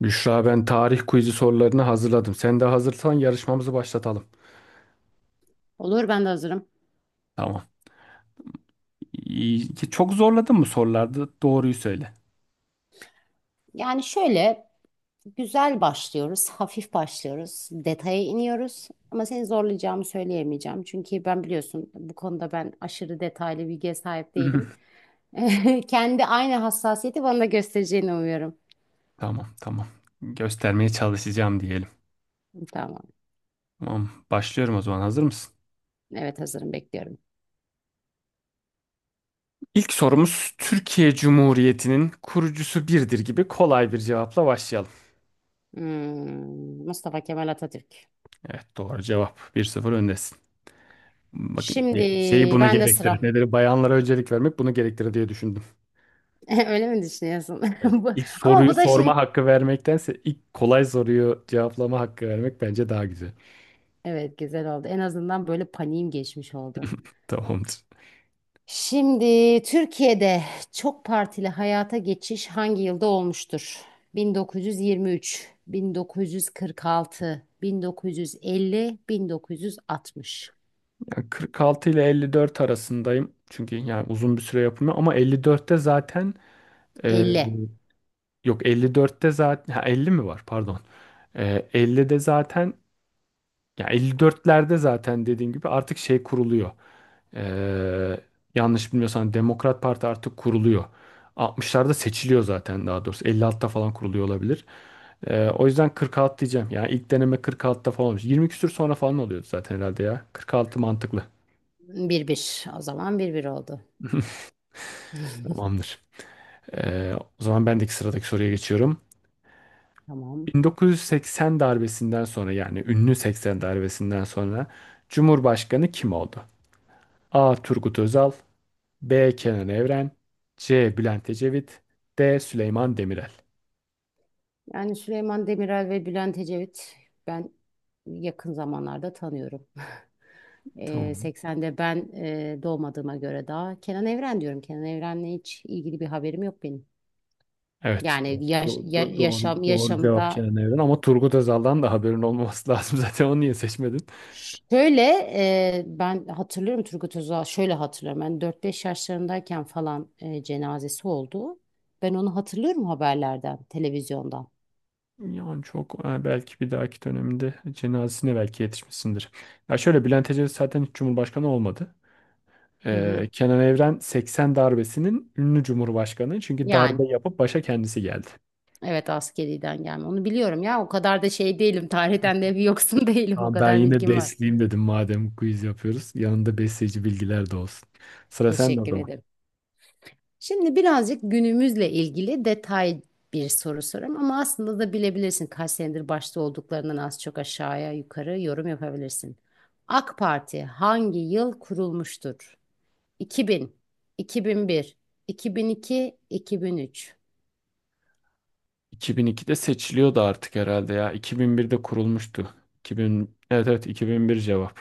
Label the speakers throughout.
Speaker 1: Büşra, ben tarih quizi sorularını hazırladım. Sen de hazırsan yarışmamızı başlatalım.
Speaker 2: Olur ben de hazırım.
Speaker 1: Tamam. İyi. Çok zorladın mı sorularda? Doğruyu söyle.
Speaker 2: Yani şöyle, güzel başlıyoruz, hafif başlıyoruz, detaya iniyoruz. Ama seni zorlayacağımı söyleyemeyeceğim. Çünkü ben biliyorsun bu konuda ben aşırı detaylı bilgiye sahip değilim. Kendi aynı hassasiyeti bana da göstereceğini umuyorum.
Speaker 1: Tamam tamam. Göstermeye çalışacağım diyelim.
Speaker 2: Tamam.
Speaker 1: Tamam, başlıyorum o zaman, hazır mısın?
Speaker 2: Evet hazırım bekliyorum.
Speaker 1: İlk sorumuz, Türkiye Cumhuriyeti'nin kurucusu birdir gibi kolay bir cevapla başlayalım.
Speaker 2: Mustafa Kemal Atatürk.
Speaker 1: Evet, doğru cevap. Bir sıfır öndesin. Bakın,
Speaker 2: Şimdi
Speaker 1: şeyi bunu
Speaker 2: ben de
Speaker 1: gerektirir.
Speaker 2: sıra.
Speaker 1: Nedir? Bayanlara öncelik vermek bunu gerektirir diye düşündüm.
Speaker 2: Öyle mi düşünüyorsun? Bu-
Speaker 1: İlk
Speaker 2: Ama
Speaker 1: soruyu
Speaker 2: bu da şimdi.
Speaker 1: sorma hakkı vermektense ilk kolay soruyu cevaplama hakkı vermek bence daha güzel.
Speaker 2: Evet güzel oldu. En azından böyle paniğim geçmiş oldu.
Speaker 1: Tamamdır.
Speaker 2: Şimdi Türkiye'de çok partili hayata geçiş hangi yılda olmuştur? 1923, 1946, 1950, 1960.
Speaker 1: Yani 46 ile 54 arasındayım. Çünkü yani uzun bir süre yapılmıyor ama 54'te zaten e,
Speaker 2: 50.
Speaker 1: yok, 54'te zaten, ha, 50 mi var? Pardon. E, 50'de zaten. Ya, 54'lerde zaten dediğim gibi artık şey kuruluyor. Ee, Yanlış bilmiyorsam Demokrat Parti artık kuruluyor. 60'larda seçiliyor zaten, daha doğrusu. 56'da falan kuruluyor olabilir. O yüzden 46 diyeceğim. Yani ilk deneme 46'da falan olmuş. 20 küsür sonra falan oluyordu zaten herhalde ya. 46 mantıklı.
Speaker 2: 1-1. O zaman 1-1 oldu.
Speaker 1: Tamamdır. Ee, O zaman bendeki sıradaki soruya geçiyorum.
Speaker 2: Tamam.
Speaker 1: 1980 darbesinden sonra, yani ünlü 80 darbesinden sonra Cumhurbaşkanı kim oldu? A. Turgut Özal. B. Kenan Evren. C. Bülent Ecevit. D. Süleyman Demirel.
Speaker 2: Yani Süleyman Demirel ve Bülent Ecevit ben yakın zamanlarda tanıyorum.
Speaker 1: Tamam.
Speaker 2: 80'de ben doğmadığıma göre daha Kenan Evren diyorum. Kenan Evren'le hiç ilgili bir haberim yok benim.
Speaker 1: Evet.
Speaker 2: Yani yaşam
Speaker 1: Doğru
Speaker 2: yaşamı
Speaker 1: cevap
Speaker 2: da
Speaker 1: Kenan Evren. Ama Turgut Özal'dan da haberin olmaması lazım, zaten onu niye seçmedin?
Speaker 2: şöyle ben hatırlıyorum Turgut Özal şöyle hatırlıyorum ben dört beş yaşlarındayken falan cenazesi oldu. Ben onu hatırlıyorum haberlerden, televizyondan.
Speaker 1: Yani çok, e, belki bir dahaki döneminde cenazesine belki yetişmişsindir. Ya şöyle, Bülent Ecevit zaten hiç Cumhurbaşkanı olmadı.
Speaker 2: Hı hı.
Speaker 1: Kenan Evren 80 darbesinin ünlü Cumhurbaşkanı, çünkü
Speaker 2: Yani
Speaker 1: darbe yapıp başa kendisi geldi.
Speaker 2: evet askeriden gelme onu biliyorum ya o kadar da şey değilim tarihten de bir yoksun değilim o
Speaker 1: Tamam, ben
Speaker 2: kadar
Speaker 1: yine
Speaker 2: bilgim var.
Speaker 1: besleyeyim dedim madem quiz yapıyoruz. Yanında besleyici bilgiler de olsun. Sıra sende o
Speaker 2: Teşekkür
Speaker 1: zaman.
Speaker 2: ederim. Şimdi birazcık günümüzle ilgili detay bir soru sorayım ama aslında da bilebilirsin kaç senedir başta olduklarından az çok aşağıya yukarı yorum yapabilirsin. AK Parti hangi yıl kurulmuştur? 2000, 2001, 2002, 2003.
Speaker 1: 2002'de seçiliyordu artık herhalde ya. 2001'de kurulmuştu. 2000, evet evet 2001 cevap.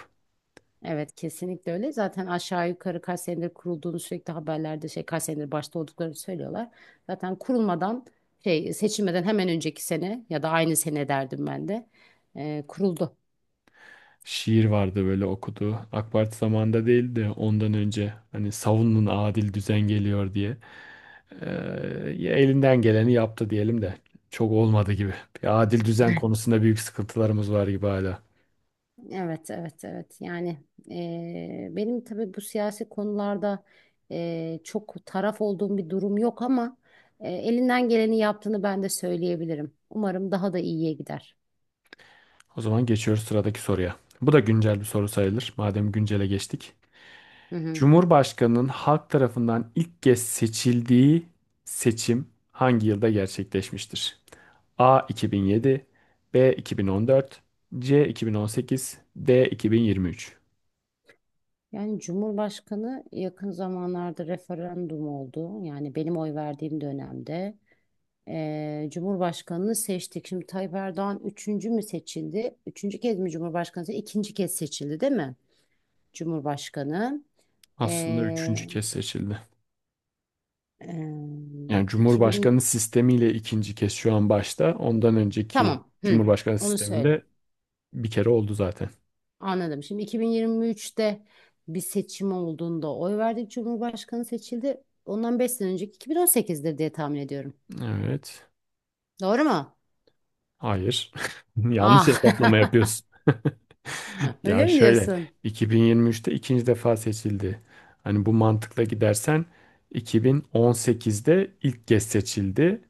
Speaker 2: Evet kesinlikle öyle. Zaten aşağı yukarı kaç senedir kurulduğunu sürekli haberlerde şey kaç senedir başta olduklarını söylüyorlar. Zaten kurulmadan şey seçilmeden hemen önceki sene ya da aynı sene derdim ben de kuruldu.
Speaker 1: Şiir vardı böyle okuduğu. AK Parti zamanında değil de ondan önce, hani savunun adil düzen geliyor diye. Ee, Ya, elinden geleni yaptı diyelim de. Çok olmadı gibi. Bir adil düzen konusunda büyük sıkıntılarımız var gibi hala.
Speaker 2: Evet, evet, evet. Yani benim tabii bu siyasi konularda çok taraf olduğum bir durum yok ama elinden geleni yaptığını ben de söyleyebilirim. Umarım daha da iyiye gider.
Speaker 1: O zaman geçiyoruz sıradaki soruya. Bu da güncel bir soru sayılır. Madem güncele geçtik.
Speaker 2: Hı hı.
Speaker 1: Cumhurbaşkanının halk tarafından ilk kez seçildiği seçim hangi yılda gerçekleşmiştir? A 2007, B 2014, C 2018, D 2023.
Speaker 2: Yani Cumhurbaşkanı yakın zamanlarda referandum oldu. Yani benim oy verdiğim dönemde Cumhurbaşkanını seçtik. Şimdi Tayyip Erdoğan üçüncü mü seçildi? Üçüncü kez mi Cumhurbaşkanı seçildi? İkinci kez seçildi, değil mi? Cumhurbaşkanı.
Speaker 1: Aslında üçüncü kez seçildi. Yani
Speaker 2: 2000
Speaker 1: Cumhurbaşkanı sistemiyle ikinci kez şu an başta. Ondan önceki
Speaker 2: tamam. Hı.
Speaker 1: Cumhurbaşkanı
Speaker 2: Onu söyle.
Speaker 1: sisteminde bir kere oldu zaten.
Speaker 2: Anladım. Şimdi 2023'te bir seçim olduğunda oy verdik. Cumhurbaşkanı seçildi. Ondan 5 sene önceki 2018'dir diye tahmin ediyorum.
Speaker 1: Evet.
Speaker 2: Doğru mu?
Speaker 1: Hayır. Yanlış
Speaker 2: Ah.
Speaker 1: hesaplama yapıyorsun.
Speaker 2: Öyle
Speaker 1: Ya
Speaker 2: mi
Speaker 1: şöyle,
Speaker 2: diyorsun?
Speaker 1: 2023'te ikinci defa seçildi. Hani bu mantıkla gidersen, 2018'de ilk kez seçildi.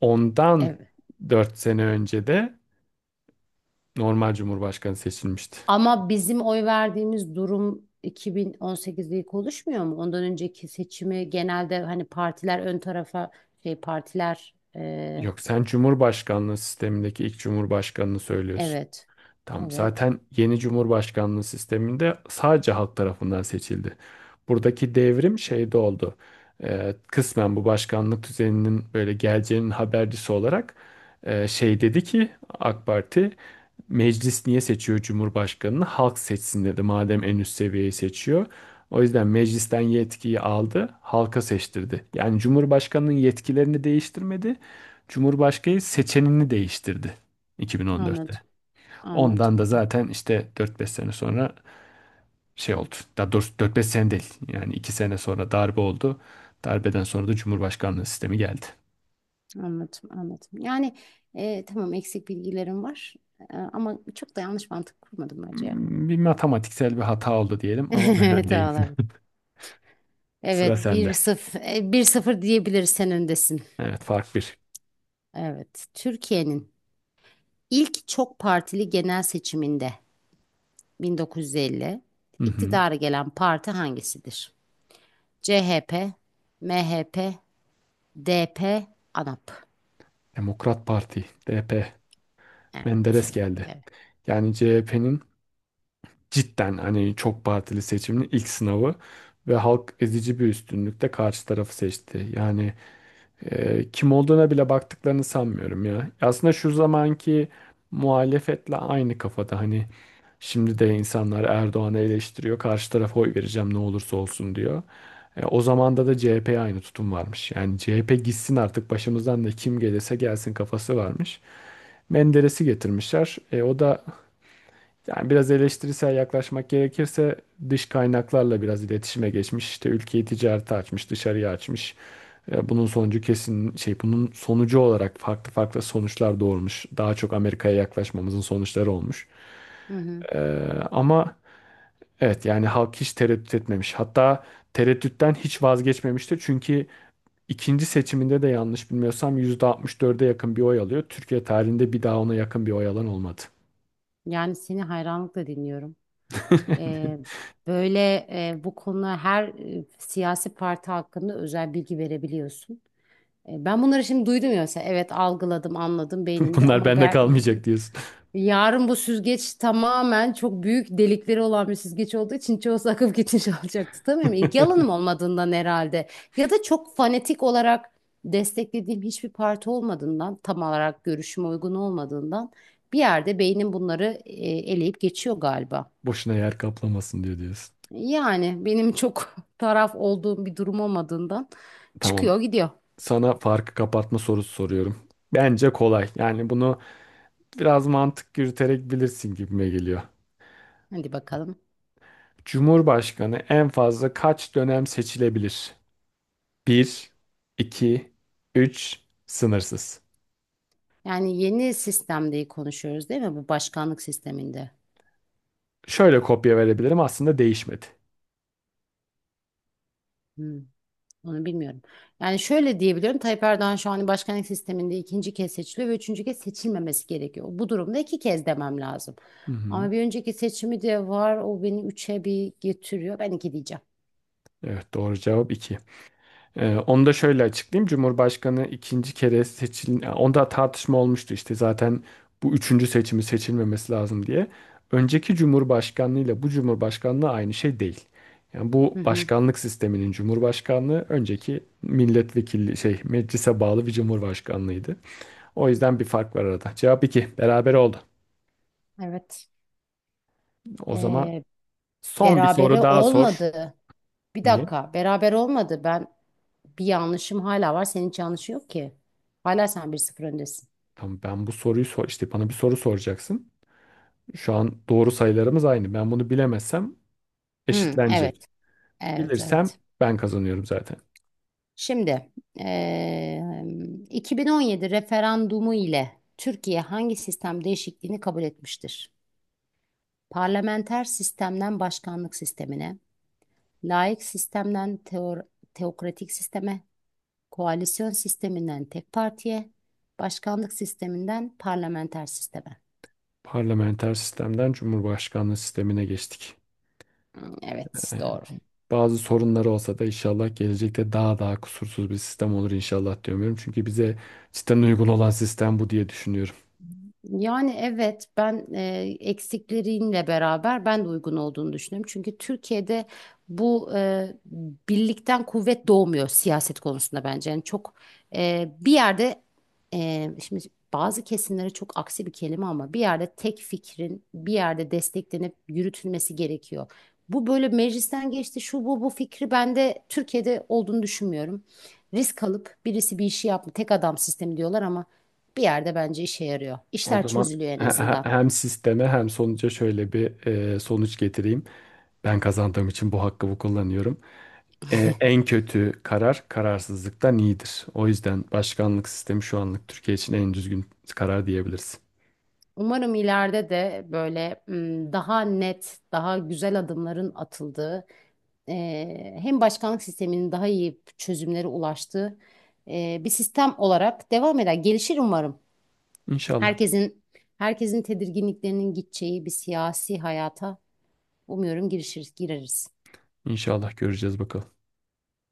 Speaker 1: Ondan
Speaker 2: Evet.
Speaker 1: 4 sene önce de normal cumhurbaşkanı seçilmişti.
Speaker 2: Ama bizim oy verdiğimiz durum 2018'de ilk oluşmuyor mu? Ondan önceki seçimi genelde hani partiler ön tarafa şey partiler
Speaker 1: Yok, sen cumhurbaşkanlığı sistemindeki ilk cumhurbaşkanını söylüyorsun.
Speaker 2: evet.
Speaker 1: Tam
Speaker 2: Evet.
Speaker 1: zaten yeni cumhurbaşkanlığı sisteminde sadece halk tarafından seçildi. Buradaki devrim şeyde oldu. Kısmen bu başkanlık düzeninin böyle geleceğinin habercisi olarak, şey dedi ki AK Parti, meclis niye seçiyor cumhurbaşkanını? Halk seçsin dedi madem en üst seviyeyi seçiyor. O yüzden meclisten yetkiyi aldı, halka seçtirdi. Yani Cumhurbaşkanı'nın yetkilerini değiştirmedi, Cumhurbaşkanı seçenini değiştirdi 2014'te.
Speaker 2: Anladım.
Speaker 1: Ondan da
Speaker 2: Anladım.
Speaker 1: zaten işte dört beş sene sonra şey oldu. Daha doğrusu 4-5 sene değil. Yani 2 sene sonra darbe oldu. Darbeden sonra da Cumhurbaşkanlığı sistemi geldi.
Speaker 2: Anladım, anladım. Yani tamam eksik bilgilerim var. Ama çok da yanlış mantık kurmadım bence ya.
Speaker 1: Hmm, bir matematiksel bir hata oldu diyelim ama ben
Speaker 2: Evet
Speaker 1: öndeyim.
Speaker 2: abi.
Speaker 1: Sıra
Speaker 2: Evet bir
Speaker 1: sende.
Speaker 2: sıfır bir sıfır 0 diyebiliriz sen öndesin.
Speaker 1: Evet, fark bir.
Speaker 2: Evet. Türkiye'nin ilk çok partili genel seçiminde 1950
Speaker 1: Hı hı.
Speaker 2: iktidara gelen parti hangisidir? CHP, MHP, DP, ANAP.
Speaker 1: Demokrat Parti, DP,
Speaker 2: Evet.
Speaker 1: Menderes geldi.
Speaker 2: Evet.
Speaker 1: Yani CHP'nin cidden hani çok partili seçiminin ilk sınavı ve halk ezici bir üstünlükle karşı tarafı seçti. Yani kim olduğuna bile baktıklarını sanmıyorum ya. Aslında şu zamanki muhalefetle aynı kafada, hani şimdi de insanlar Erdoğan'ı eleştiriyor. Karşı tarafa oy vereceğim ne olursa olsun diyor. E, o zamanda da CHP'ye aynı tutum varmış. Yani CHP gitsin artık başımızdan da kim gelirse gelsin kafası varmış. Menderes'i getirmişler. E, o da yani biraz eleştirisel yaklaşmak gerekirse dış kaynaklarla biraz iletişime geçmiş. İşte ülkeyi ticarete açmış, dışarıya açmış. E, bunun sonucu kesin şey, bunun sonucu olarak farklı farklı sonuçlar doğurmuş. Daha çok Amerika'ya yaklaşmamızın sonuçları olmuş.
Speaker 2: Hı hı.
Speaker 1: E, Ama evet, yani halk hiç tereddüt etmemiş. Hatta tereddütten hiç vazgeçmemişti. Çünkü ikinci seçiminde de yanlış bilmiyorsam %64'e yakın bir oy alıyor. Türkiye tarihinde bir daha ona yakın bir oy alan olmadı.
Speaker 2: Yani seni hayranlıkla dinliyorum. E, böyle bu konuda her siyasi parti hakkında özel bilgi verebiliyorsun. Ben bunları şimdi duydum ya mesela evet algıladım anladım beynimde
Speaker 1: Bunlar
Speaker 2: ama
Speaker 1: bende
Speaker 2: ben
Speaker 1: kalmayacak diyorsun.
Speaker 2: yarın bu süzgeç tamamen çok büyük delikleri olan bir süzgeç olduğu için çoğu akıp gitmiş olacak. Tutamıyorum. İlgi alanım olmadığından herhalde ya da çok fanatik olarak desteklediğim hiçbir parti olmadığından tam olarak görüşüme uygun olmadığından bir yerde beynim bunları eleyip geçiyor galiba.
Speaker 1: Boşuna yer kaplamasın diyor diyorsun.
Speaker 2: Yani benim çok taraf olduğum bir durum olmadığından
Speaker 1: Tamam.
Speaker 2: çıkıyor gidiyor.
Speaker 1: Sana farkı kapatma sorusu soruyorum. Bence kolay. Yani bunu biraz mantık yürüterek bilirsin gibime geliyor.
Speaker 2: Hadi bakalım.
Speaker 1: Cumhurbaşkanı en fazla kaç dönem seçilebilir? Bir, 2, 3, sınırsız.
Speaker 2: Yani yeni sistemde konuşuyoruz değil mi? Bu başkanlık sisteminde.
Speaker 1: Şöyle kopya verebilirim, aslında değişmedi.
Speaker 2: Hmm, onu bilmiyorum. Yani şöyle diyebiliyorum. Tayyip Erdoğan şu an başkanlık sisteminde ikinci kez seçiliyor ve üçüncü kez seçilmemesi gerekiyor. Bu durumda iki kez demem lazım.
Speaker 1: Hı hı.
Speaker 2: Ama bir önceki seçimi de var. O beni üçe bir getiriyor. Ben iki diyeceğim.
Speaker 1: Evet, doğru cevap 2. Onu da şöyle açıklayayım. Cumhurbaşkanı ikinci kere seçil, yani onda tartışma olmuştu işte zaten, bu üçüncü seçimi seçilmemesi lazım diye. Önceki cumhurbaşkanlığı ile bu cumhurbaşkanlığı aynı şey değil. Yani
Speaker 2: Hı
Speaker 1: bu
Speaker 2: hı,
Speaker 1: başkanlık sisteminin cumhurbaşkanlığı, önceki milletvekili şey meclise bağlı bir cumhurbaşkanlığıydı. O yüzden bir fark var arada. Cevap iki. Beraber oldu.
Speaker 2: evet.
Speaker 1: O zaman
Speaker 2: Ee,
Speaker 1: son bir soru
Speaker 2: berabere
Speaker 1: daha sor.
Speaker 2: olmadı. Bir
Speaker 1: Niye?
Speaker 2: dakika. Beraber olmadı. Bir yanlışım hala var. Senin hiç yanlışın yok ki. Hala sen bir sıfır öndesin.
Speaker 1: Tamam, ben bu soruyu sor işte, bana bir soru soracaksın. Şu an doğru sayılarımız aynı. Ben bunu bilemezsem
Speaker 2: Hı,
Speaker 1: eşitlenecek.
Speaker 2: evet. Evet,
Speaker 1: Bilirsem
Speaker 2: evet.
Speaker 1: ben kazanıyorum zaten.
Speaker 2: Şimdi 2017 referandumu ile Türkiye hangi sistem değişikliğini kabul etmiştir? Parlamenter sistemden başkanlık sistemine, laik sistemden teokratik sisteme, koalisyon sisteminden tek partiye, başkanlık sisteminden parlamenter sisteme.
Speaker 1: Parlamenter sistemden cumhurbaşkanlığı sistemine geçtik.
Speaker 2: Hı, evet,
Speaker 1: Ee,
Speaker 2: doğru.
Speaker 1: Bazı sorunları olsa da inşallah gelecekte daha daha kusursuz bir sistem olur inşallah diyorum. Çünkü bize cidden uygun olan sistem bu diye düşünüyorum.
Speaker 2: Yani evet ben eksikleriyle beraber ben de uygun olduğunu düşünüyorum. Çünkü Türkiye'de bu birlikten kuvvet doğmuyor siyaset konusunda bence. Yani çok bir yerde şimdi bazı kesimlere çok aksi bir kelime ama bir yerde tek fikrin bir yerde desteklenip yürütülmesi gerekiyor. Bu böyle meclisten geçti şu bu fikri ben de Türkiye'de olduğunu düşünmüyorum. Risk alıp birisi bir işi yapma tek adam sistemi diyorlar ama bir yerde bence işe yarıyor.
Speaker 1: O
Speaker 2: İşler
Speaker 1: zaman
Speaker 2: çözülüyor en azından.
Speaker 1: hem sisteme hem sonuca şöyle bir, e, sonuç getireyim. Ben kazandığım için bu hakkımı kullanıyorum. En kötü karar kararsızlıktan iyidir. O yüzden başkanlık sistemi şu anlık Türkiye için en düzgün karar diyebiliriz.
Speaker 2: Umarım ileride de böyle daha net, daha güzel adımların atıldığı, hem başkanlık sisteminin daha iyi çözümlere ulaştığı bir sistem olarak devam eder. Gelişir umarım.
Speaker 1: İnşallah.
Speaker 2: Herkesin herkesin tedirginliklerinin gideceği bir siyasi hayata umuyorum girişir, gireriz.
Speaker 1: İnşallah göreceğiz bakalım.